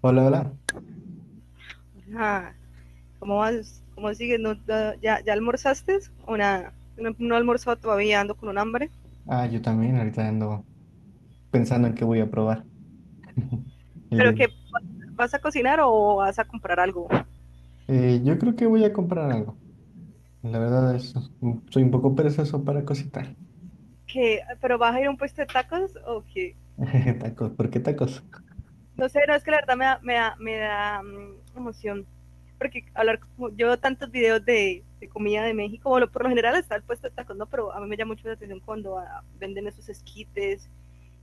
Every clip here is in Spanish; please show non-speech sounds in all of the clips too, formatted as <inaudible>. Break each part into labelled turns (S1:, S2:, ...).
S1: Hola, hola.
S2: Ajá. ¿Cómo vas? ¿Cómo sigues? ¿Ya almorzaste o nada? No, no he almorzado todavía, ando con un hambre.
S1: Ah, yo también ahorita ando pensando en qué voy a probar <laughs> el día
S2: ¿Pero
S1: de
S2: qué?
S1: hoy.
S2: ¿Vas a cocinar o vas a comprar algo?
S1: Yo creo que voy a comprar algo. La verdad es, soy un poco perezoso para cocinar.
S2: ¿Qué? ¿Pero vas a ir a un puesto de tacos o qué?
S1: <laughs> Tacos, ¿por qué tacos? <laughs>
S2: No sé, no, es que la verdad me da emoción. Porque yo veo tantos videos de comida de México, bueno, por lo general está el puesto de tacos, ¿no? Pero a mí me llama mucho la atención cuando venden esos esquites,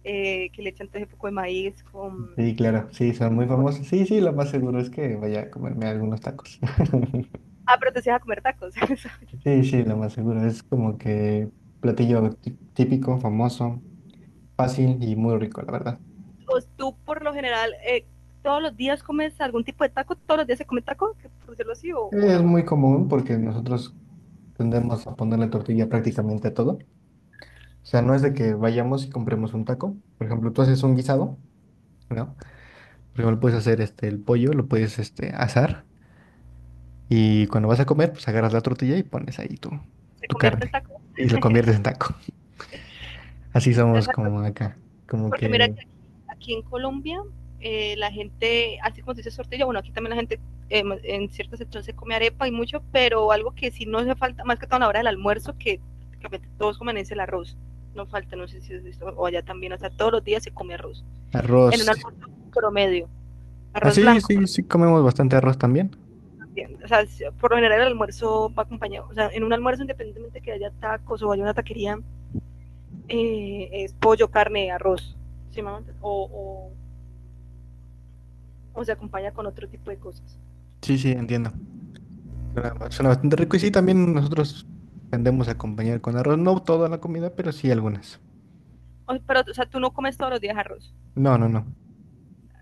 S2: que le echan todo ese poco de maíz
S1: Sí, claro, sí, son muy famosos.
S2: con-
S1: Sí, sí, lo más seguro es que vaya a comerme algunos tacos. <laughs>
S2: Ah, pero te decías a comer tacos. <laughs>
S1: Sí, sí, lo más seguro. Es como que platillo típico, famoso, fácil y muy rico, la verdad.
S2: Pues, tú por lo general todos los días comes algún tipo de taco, todos los días se come taco, por decirlo así, o
S1: Es
S2: no,
S1: muy común porque nosotros tendemos a ponerle tortilla prácticamente a todo. O sea, no es de que vayamos y compremos un taco. Por ejemplo, tú haces un guisado, ¿no? Primero puedes hacer el pollo, lo puedes asar, y cuando vas a comer, pues agarras la tortilla y pones ahí tu,
S2: se
S1: tu
S2: convierte en
S1: carne
S2: taco.
S1: y lo conviertes en taco. <laughs> Así somos
S2: Exacto,
S1: como acá, como
S2: porque mira
S1: que
S2: que aquí en Colombia la gente, así como se dice tortilla, bueno, aquí también la gente en cierta sección se come arepa y mucho, pero algo que sí no hace falta, más que todo a la hora del almuerzo, que prácticamente todos comen es el arroz. No falta, no sé si es visto, o allá también, o sea, todos los días se come arroz. En
S1: arroz.
S2: un almuerzo promedio, arroz
S1: Así,
S2: blanco,
S1: sí, sí,
S2: por
S1: sí comemos bastante arroz también.
S2: o sea, por lo general el almuerzo va acompañado, o sea, en un almuerzo independientemente que haya tacos o haya una taquería, es pollo, carne, arroz, ¿sí, mamá? O se acompaña con otro tipo de cosas.
S1: Sí, sí, entiendo. Suena bastante rico y sí, también nosotros tendemos a acompañar con arroz, no toda la comida, pero sí algunas.
S2: O, pero, o sea, tú no comes todos los días arroz.
S1: No, no, no.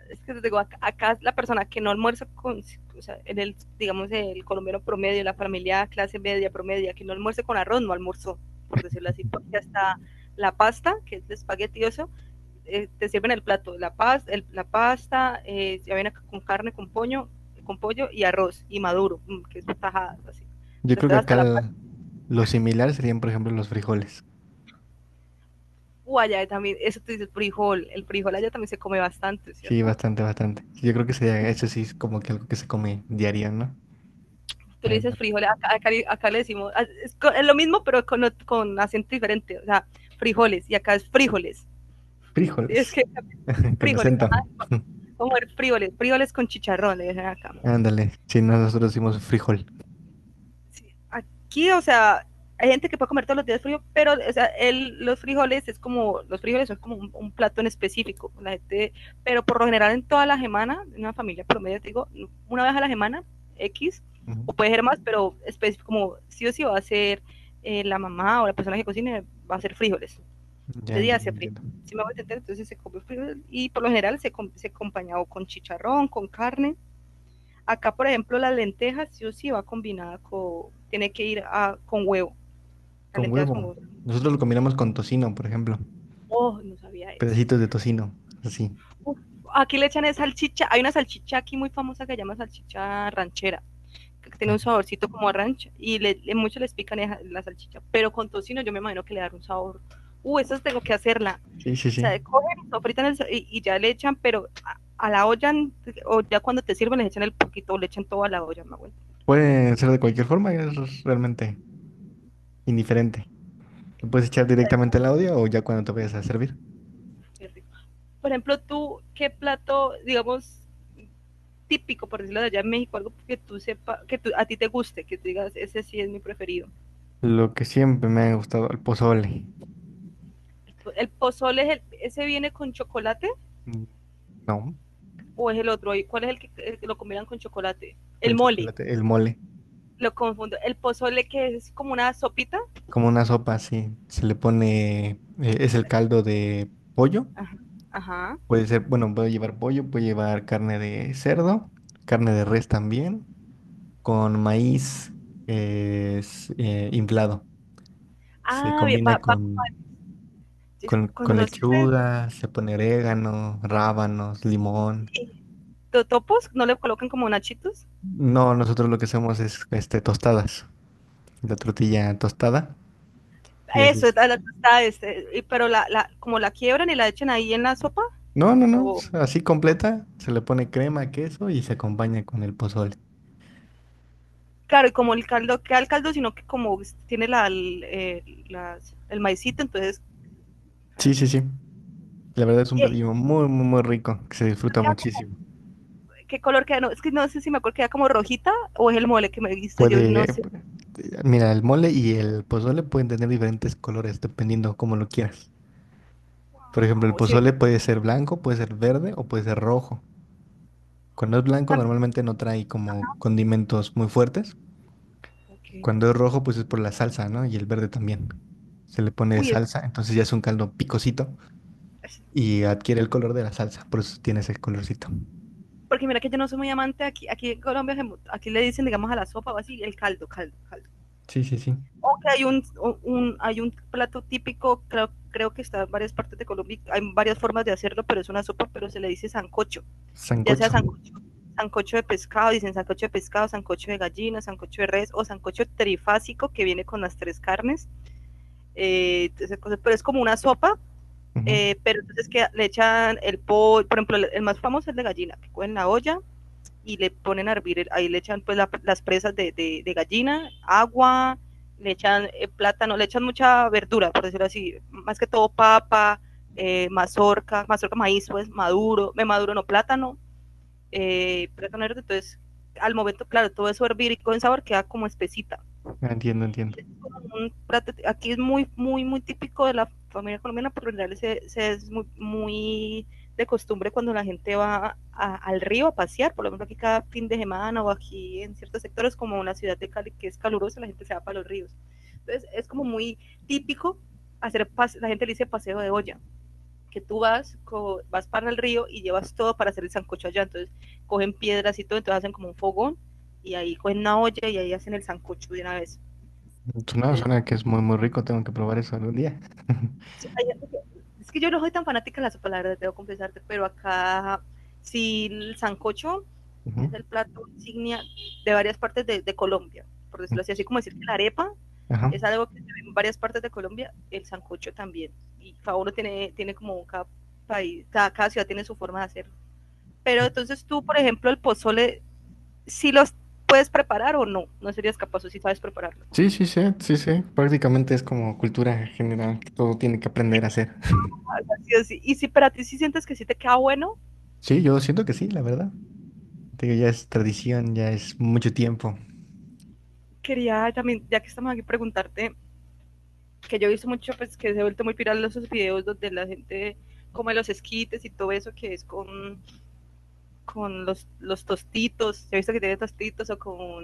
S2: Es que te digo, acá, la persona que no almuerza con, o sea, digamos, el colombiano promedio, la familia clase media promedia, que no almuerce con arroz, no almuerzo, por decirlo así, porque hasta la pasta, que es de espagueti, te sirven el plato, la pasta, ya viene con carne, con pollo y arroz y maduro, que es tajadas así.
S1: Yo
S2: Pero
S1: creo que
S2: entonces hasta la pasta,
S1: acá lo similar serían, por ejemplo, los frijoles.
S2: allá también, eso tú dices frijol, el frijol allá también se come bastante,
S1: Sí,
S2: ¿cierto?
S1: bastante, bastante. Yo creo que sería, eso sí es como que algo que se come diario, ¿no?
S2: Tú le
S1: Ahí
S2: dices
S1: va.
S2: frijol, acá le decimos, lo mismo pero con acento diferente, o sea, frijoles y acá es frijoles, ¿sí? Es
S1: Frijoles.
S2: que
S1: <laughs> Con
S2: frijoles, ajá,
S1: acento. <laughs>
S2: como el frijoles con chicharrón, le dicen acá.
S1: Ándale. Sí, no, nosotros decimos frijol.
S2: Sí. Aquí, o sea, hay gente que puede comer todos los días frío, pero o sea, los frijoles es como, los frijoles son como un plato en específico. La gente, pero por lo general en toda la semana, en una familia promedio, te digo, una vez a la semana, X,
S1: Ujú.
S2: o puede ser más, pero específico como sí o sí va a ser la mamá o la persona que cocine, va a ser frijoles.
S1: Ya
S2: De día
S1: entiendo,
S2: hacia frío.
S1: entiendo.
S2: Si me voy a entender, entonces se come frijoles y por lo general se acompaña o con chicharrón, con carne. Acá, por ejemplo, las lentejas sí o sí va combinada con, tiene que ir a, con huevo, las
S1: Con
S2: lentejas con
S1: huevo.
S2: huevo.
S1: Nosotros lo
S2: Sí.
S1: combinamos con tocino, por ejemplo.
S2: Oh, no sabía eso.
S1: Pedacitos de tocino. Así.
S2: Uf, aquí le echan es salchicha, hay una salchicha aquí muy famosa que se llama salchicha ranchera, que tiene un
S1: Ajá.
S2: saborcito como a rancho, y muchos les pican la salchicha, pero con tocino yo me imagino que le dará un sabor. Eso tengo que hacerla.
S1: Sí, sí,
S2: O
S1: sí.
S2: sea, cogen, sofritan y ya le echan, pero a la olla, o ya cuando te sirven, les echan el poquito, o le echan todo a la olla, me acuerdo.
S1: Puede ser de cualquier forma, es realmente indiferente. Lo puedes echar directamente al audio o ya cuando te vayas a servir.
S2: Qué rico. Por ejemplo, tú, ¿qué plato, digamos, típico, por decirlo de allá en México, algo que tú sepa, a ti te guste, que tú digas, ese sí es mi preferido?
S1: Lo que siempre me ha gustado, el pozole.
S2: ¿El pozole es ese viene con chocolate
S1: Mm, no,
S2: o es el otro? ¿Cuál es el que lo combinan con chocolate?
S1: con
S2: El mole,
S1: chocolate, el mole.
S2: lo confundo. El pozole que es como una sopita.
S1: Como una sopa, sí. Se le pone, es el caldo de pollo.
S2: Ajá. Ajá.
S1: Puede ser, bueno, puede llevar pollo, puede llevar carne de cerdo, carne de res también, con maíz inflado. Se
S2: Ah, bien, va,
S1: combina
S2: va.
S1: con, con,
S2: Cuando
S1: con
S2: lo sirven
S1: lechuga, se pone orégano, rábanos, limón.
S2: sí. Topos, no le colocan como nachitos.
S1: No, nosotros lo que hacemos es tostadas, la tortilla tostada y
S2: Eso,
S1: haces.
S2: la tostada, pero la como la quiebran y la echan ahí en la sopa
S1: No, no, no,
S2: o.
S1: así completa, se le pone crema, queso y se acompaña con el pozole.
S2: Claro, y como el caldo queda el caldo, sino que como tiene el maicito, entonces.
S1: Sí, sí, sí. La verdad es un
S2: eh,
S1: platillo muy, muy, muy rico, que se disfruta
S2: queda como-
S1: muchísimo.
S2: ¿Qué color queda? No, es que no sé si me acuerdo, queda como rojita o es el mole que me he visto. Yo no
S1: Puede, eh,
S2: sé.
S1: Mira, el mole y el pozole pueden tener diferentes colores dependiendo cómo lo quieras. Por ejemplo, el
S2: O si-
S1: pozole puede ser blanco, puede ser verde o puede ser rojo. Cuando es blanco
S2: también-
S1: normalmente no trae como condimentos muy fuertes.
S2: okay.
S1: Cuando es rojo pues es por la salsa, ¿no? Y el verde también. Se le pone
S2: Uy,
S1: salsa, entonces ya es un caldo picosito
S2: es-
S1: y adquiere el color de la salsa, por eso tiene ese colorcito.
S2: porque mira que yo no soy muy amante aquí en Colombia, aquí le dicen, digamos, a la sopa o así, el caldo, caldo, caldo.
S1: Sí, sí, sí.
S2: O que hay un plato típico, creo que está en varias partes de Colombia, hay varias formas de hacerlo, pero es una sopa, pero se le dice sancocho. Ya sea
S1: Sancocho.
S2: sancocho, sancocho de pescado, dicen sancocho de pescado, sancocho de gallina, sancocho de res o sancocho trifásico que viene con las tres carnes, eh, pero es como una sopa,
S1: Ujú.
S2: pero entonces que le echan el pollo, por ejemplo, el más famoso es el de gallina, que cogen la olla y le ponen a hervir, ahí le echan pues la, las presas de gallina, agua, le echan plátano, le echan mucha verdura, por decirlo así, más que todo papa, mazorca maíz, pues maduro, me maduro no plátano, plátano verde, entonces al momento, claro, todo eso hervir y con sabor queda como espesita.
S1: Ah, entiendo, entiendo.
S2: Y es como un plato- aquí es muy, muy, muy típico de la familia colombiana, por lo general se es muy, muy de costumbre cuando la gente va al río a pasear, por lo menos aquí cada fin de semana o aquí en ciertos sectores como en la ciudad de Cali que es calurosa, la gente se va para los ríos. Entonces es como muy típico hacer, la gente le dice paseo de olla que tú vas, co vas para el río y llevas todo para hacer el sancocho allá. Entonces cogen piedras y todo, entonces hacen como un fogón y ahí cogen una olla y ahí hacen el sancocho de una vez.
S1: Pues no, suena que
S2: Entonces,
S1: es muy, muy rico. Tengo que probar eso algún día. <laughs>
S2: sí, hay, es que yo no soy tan fanática de la sopa, la verdad, debo confesarte, pero acá sí el sancocho
S1: Ujú.
S2: es el plato insignia de varias partes de Colombia, por
S1: Mm,
S2: decirlo así, así como decir que la arepa
S1: ajá.
S2: es algo que se ve en varias partes de Colombia, el sancocho también. Y cada uno tiene como cada país, cada ciudad tiene su forma de hacerlo. Pero entonces tú, por ejemplo, el pozole, si los puedes preparar o no, no serías capaz o si sí sabes prepararlo.
S1: Sí, sí, sí, sí, sí. Prácticamente es como cultura general que todo tiene que aprender a hacer. <laughs>
S2: Así, así. Y si para ti sí sientes que sí te queda bueno,
S1: Sí, yo siento que sí, la verdad. Te digo, ya es tradición, ya es mucho tiempo.
S2: quería también, ya que estamos aquí, preguntarte, que yo he visto mucho, pues que se ha vuelto muy viral esos videos donde la gente come los esquites y todo eso que es con los tostitos, he visto que tiene tostitos o con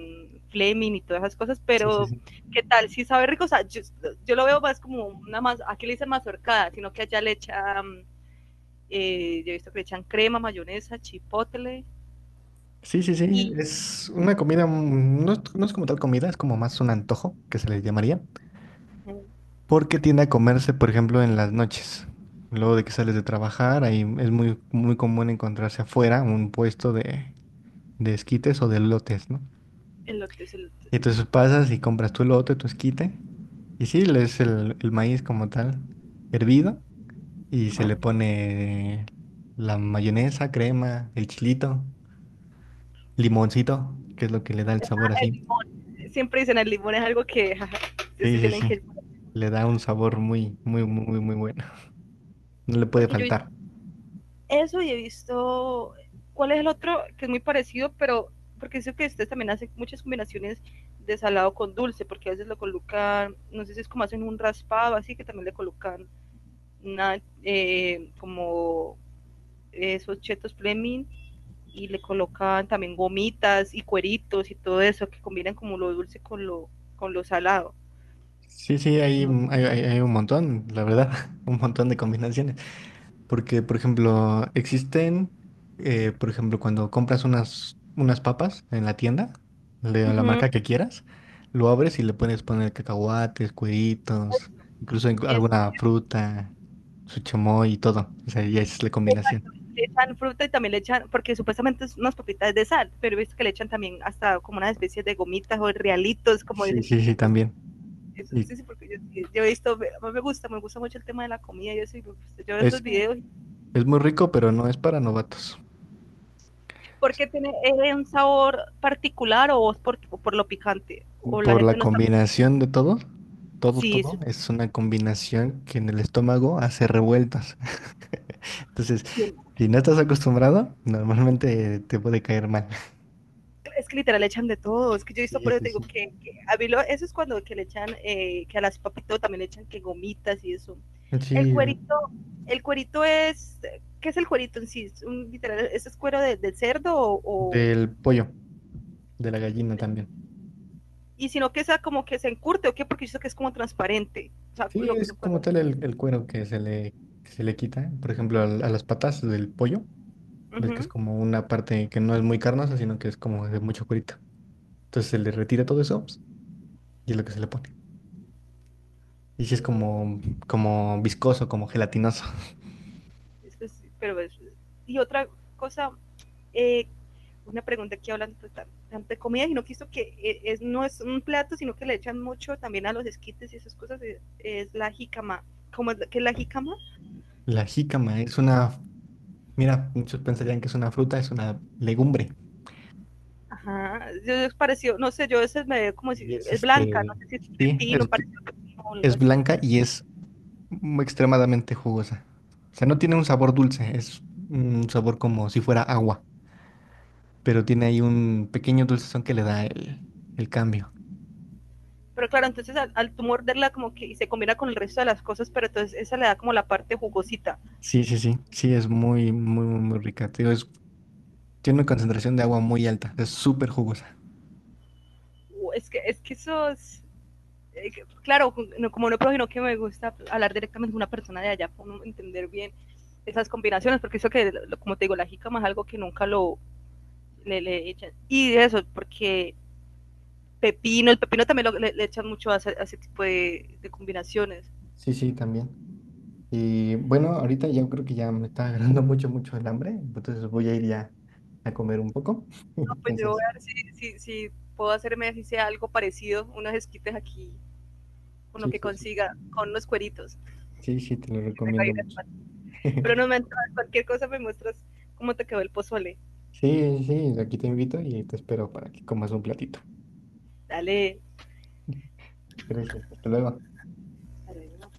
S2: fleming y todas esas cosas,
S1: Sí, sí,
S2: pero
S1: sí.
S2: ¿qué tal? Si sabe rico, o sea, yo lo veo más como una más, aquí le dicen mazorcada, sino que allá le echa yo he visto que le echan crema, mayonesa, chipotle
S1: Sí, sí, sí.
S2: y
S1: Es una comida, mm, no es, no es como tal comida, es como más un antojo que se le llamaría. Porque tiende a comerse, por ejemplo, en las noches. Luego de que sales de trabajar, ahí es muy, muy común encontrarse afuera un puesto de esquites o de lotes, ¿no?
S2: elote, elote.
S1: Y entonces pasas y compras tu lote, tu esquite, y sí, es el maíz como tal, hervido, y se le pone la mayonesa, crema, el chilito, limoncito, que es lo que le da el sabor
S2: El
S1: así.
S2: limón. Siempre dicen el limón es algo que jaja, sí
S1: Sí, sí,
S2: tienen
S1: sí.
S2: que.
S1: Le da un sabor muy, muy, muy, muy, muy bueno. No le puede
S2: Porque yo he visto
S1: faltar.
S2: eso y he visto. ¿Cuál es el otro que es muy parecido? Pero porque sé que ustedes también hacen muchas combinaciones de salado con dulce, porque a veces lo colocan, no sé si es como hacen un raspado, así que también le colocan una, como esos chetos Fleming y le colocaban también gomitas y cueritos y todo eso, que combinan como lo dulce con lo salado.
S1: Sí, sí, hay un montón, la verdad, <laughs> un montón de combinaciones. Porque, por ejemplo, existen, por ejemplo, cuando compras unas papas en la tienda, de la
S2: Ujú,
S1: marca que quieras, lo abres y le puedes poner cacahuates, cueritos, incluso
S2: eso.
S1: alguna fruta, su chamoy y todo. O sea, ya es la combinación.
S2: Le echan fruta y también le echan, porque supuestamente es unas papitas de sal, pero he visto que le echan también hasta como una especie de gomitas o realitos, como
S1: Sí,
S2: dicen.
S1: sí, sí,
S2: eh,
S1: también.
S2: Eso,
S1: Y
S2: sí, sí, porque yo he visto, a mí me gusta mucho el tema de la comida, yo, sí, yo veo esos
S1: es,
S2: videos.
S1: es muy rico, pero no es para novatos.
S2: Porque tiene un sabor particular o es por lo picante? O la
S1: Por la
S2: gente no está...
S1: combinación de todo, todo,
S2: Sí, eso
S1: todo, es una combinación que en el estómago hace revueltas. <laughs> Entonces, si no estás acostumbrado, normalmente te puede caer mal.
S2: es que literal le echan de todo, es que yo he visto
S1: Sí,
S2: por eso,
S1: sí,
S2: te digo
S1: sí.
S2: que a mí lo- eso es cuando que le echan, que a las papitas también le echan que gomitas y eso. El
S1: Sí,
S2: cuerito, el cuerito es, ¿qué es el cuerito en sí? Un, literal, es cuero de cerdo
S1: del pollo, de la gallina también.
S2: y sino que sea como que se encurte o qué? Porque yo sé que es como transparente, o sea,
S1: Sí, es como tal el cuero que se le quita. Por ejemplo, a las patas del pollo, ves que es
S2: ujú.
S1: como una parte que no es muy carnosa, sino que es como de mucho cuerito. Entonces se le retira todo eso pues, y es lo que se le pone. Y sí es
S2: Uh,
S1: como viscoso, como gelatinoso. <laughs>
S2: es sí, pero y otra cosa, eh, una pregunta que hablan pues, tanto de comida, sino que esto que no es un plato, sino que le echan mucho también a los esquites y esas cosas, es la jicama. ¿Cómo es, qué es la jicama?
S1: La jícama es una, mira, muchos pensarían que es una fruta, es una legumbre.
S2: Ajá, yo es parecido, no sé, yo a veces me veo como si
S1: Y es
S2: es blanca,
S1: este,
S2: no sé si es
S1: sí,
S2: pepino,
S1: es,
S2: parecido pepino o algo
S1: es
S2: así.
S1: blanca y es extremadamente jugosa. O sea, no tiene un sabor dulce, es un sabor como si fuera agua, pero tiene ahí un pequeño dulcezón que le da el cambio.
S2: Pero claro, entonces al, al tú morderla como que y se combina con el resto de las cosas, pero entonces esa le da como la parte jugosita.
S1: Sí, sí, sí, sí, es muy, muy, muy muy rica. Te digo, es- tiene una concentración de agua muy alta, es súper jugosa.
S2: Es que eso es, eh, claro, no, como no prójimo que me gusta hablar directamente con una persona de allá para entender bien esas combinaciones, porque eso que, como te digo, la jícama es algo que nunca le echan. Y de eso, porque pepino, el pepino también le echan mucho a ese tipo de, combinaciones.
S1: Sí, sí, también. Y bueno, ahorita ya creo que ya me está agarrando <laughs> mucho, mucho el hambre, entonces voy a ir ya a comer un poco. <laughs>
S2: No, pues yo voy
S1: Entonces,
S2: a ver si puedo hacerme así sea algo parecido, unos esquites aquí, con lo
S1: sí,
S2: que
S1: sí, sí.
S2: consiga, con unos cueritos.
S1: Sí, sí, te lo recomiendo mucho.
S2: Pero no
S1: <laughs>
S2: me entras, cualquier cosa me muestras cómo te quedó el pozole.
S1: Sí, sí, aquí te invito y te espero para que comas un platito.
S2: Dale,
S1: <laughs> Gracias, hasta luego.
S2: dale.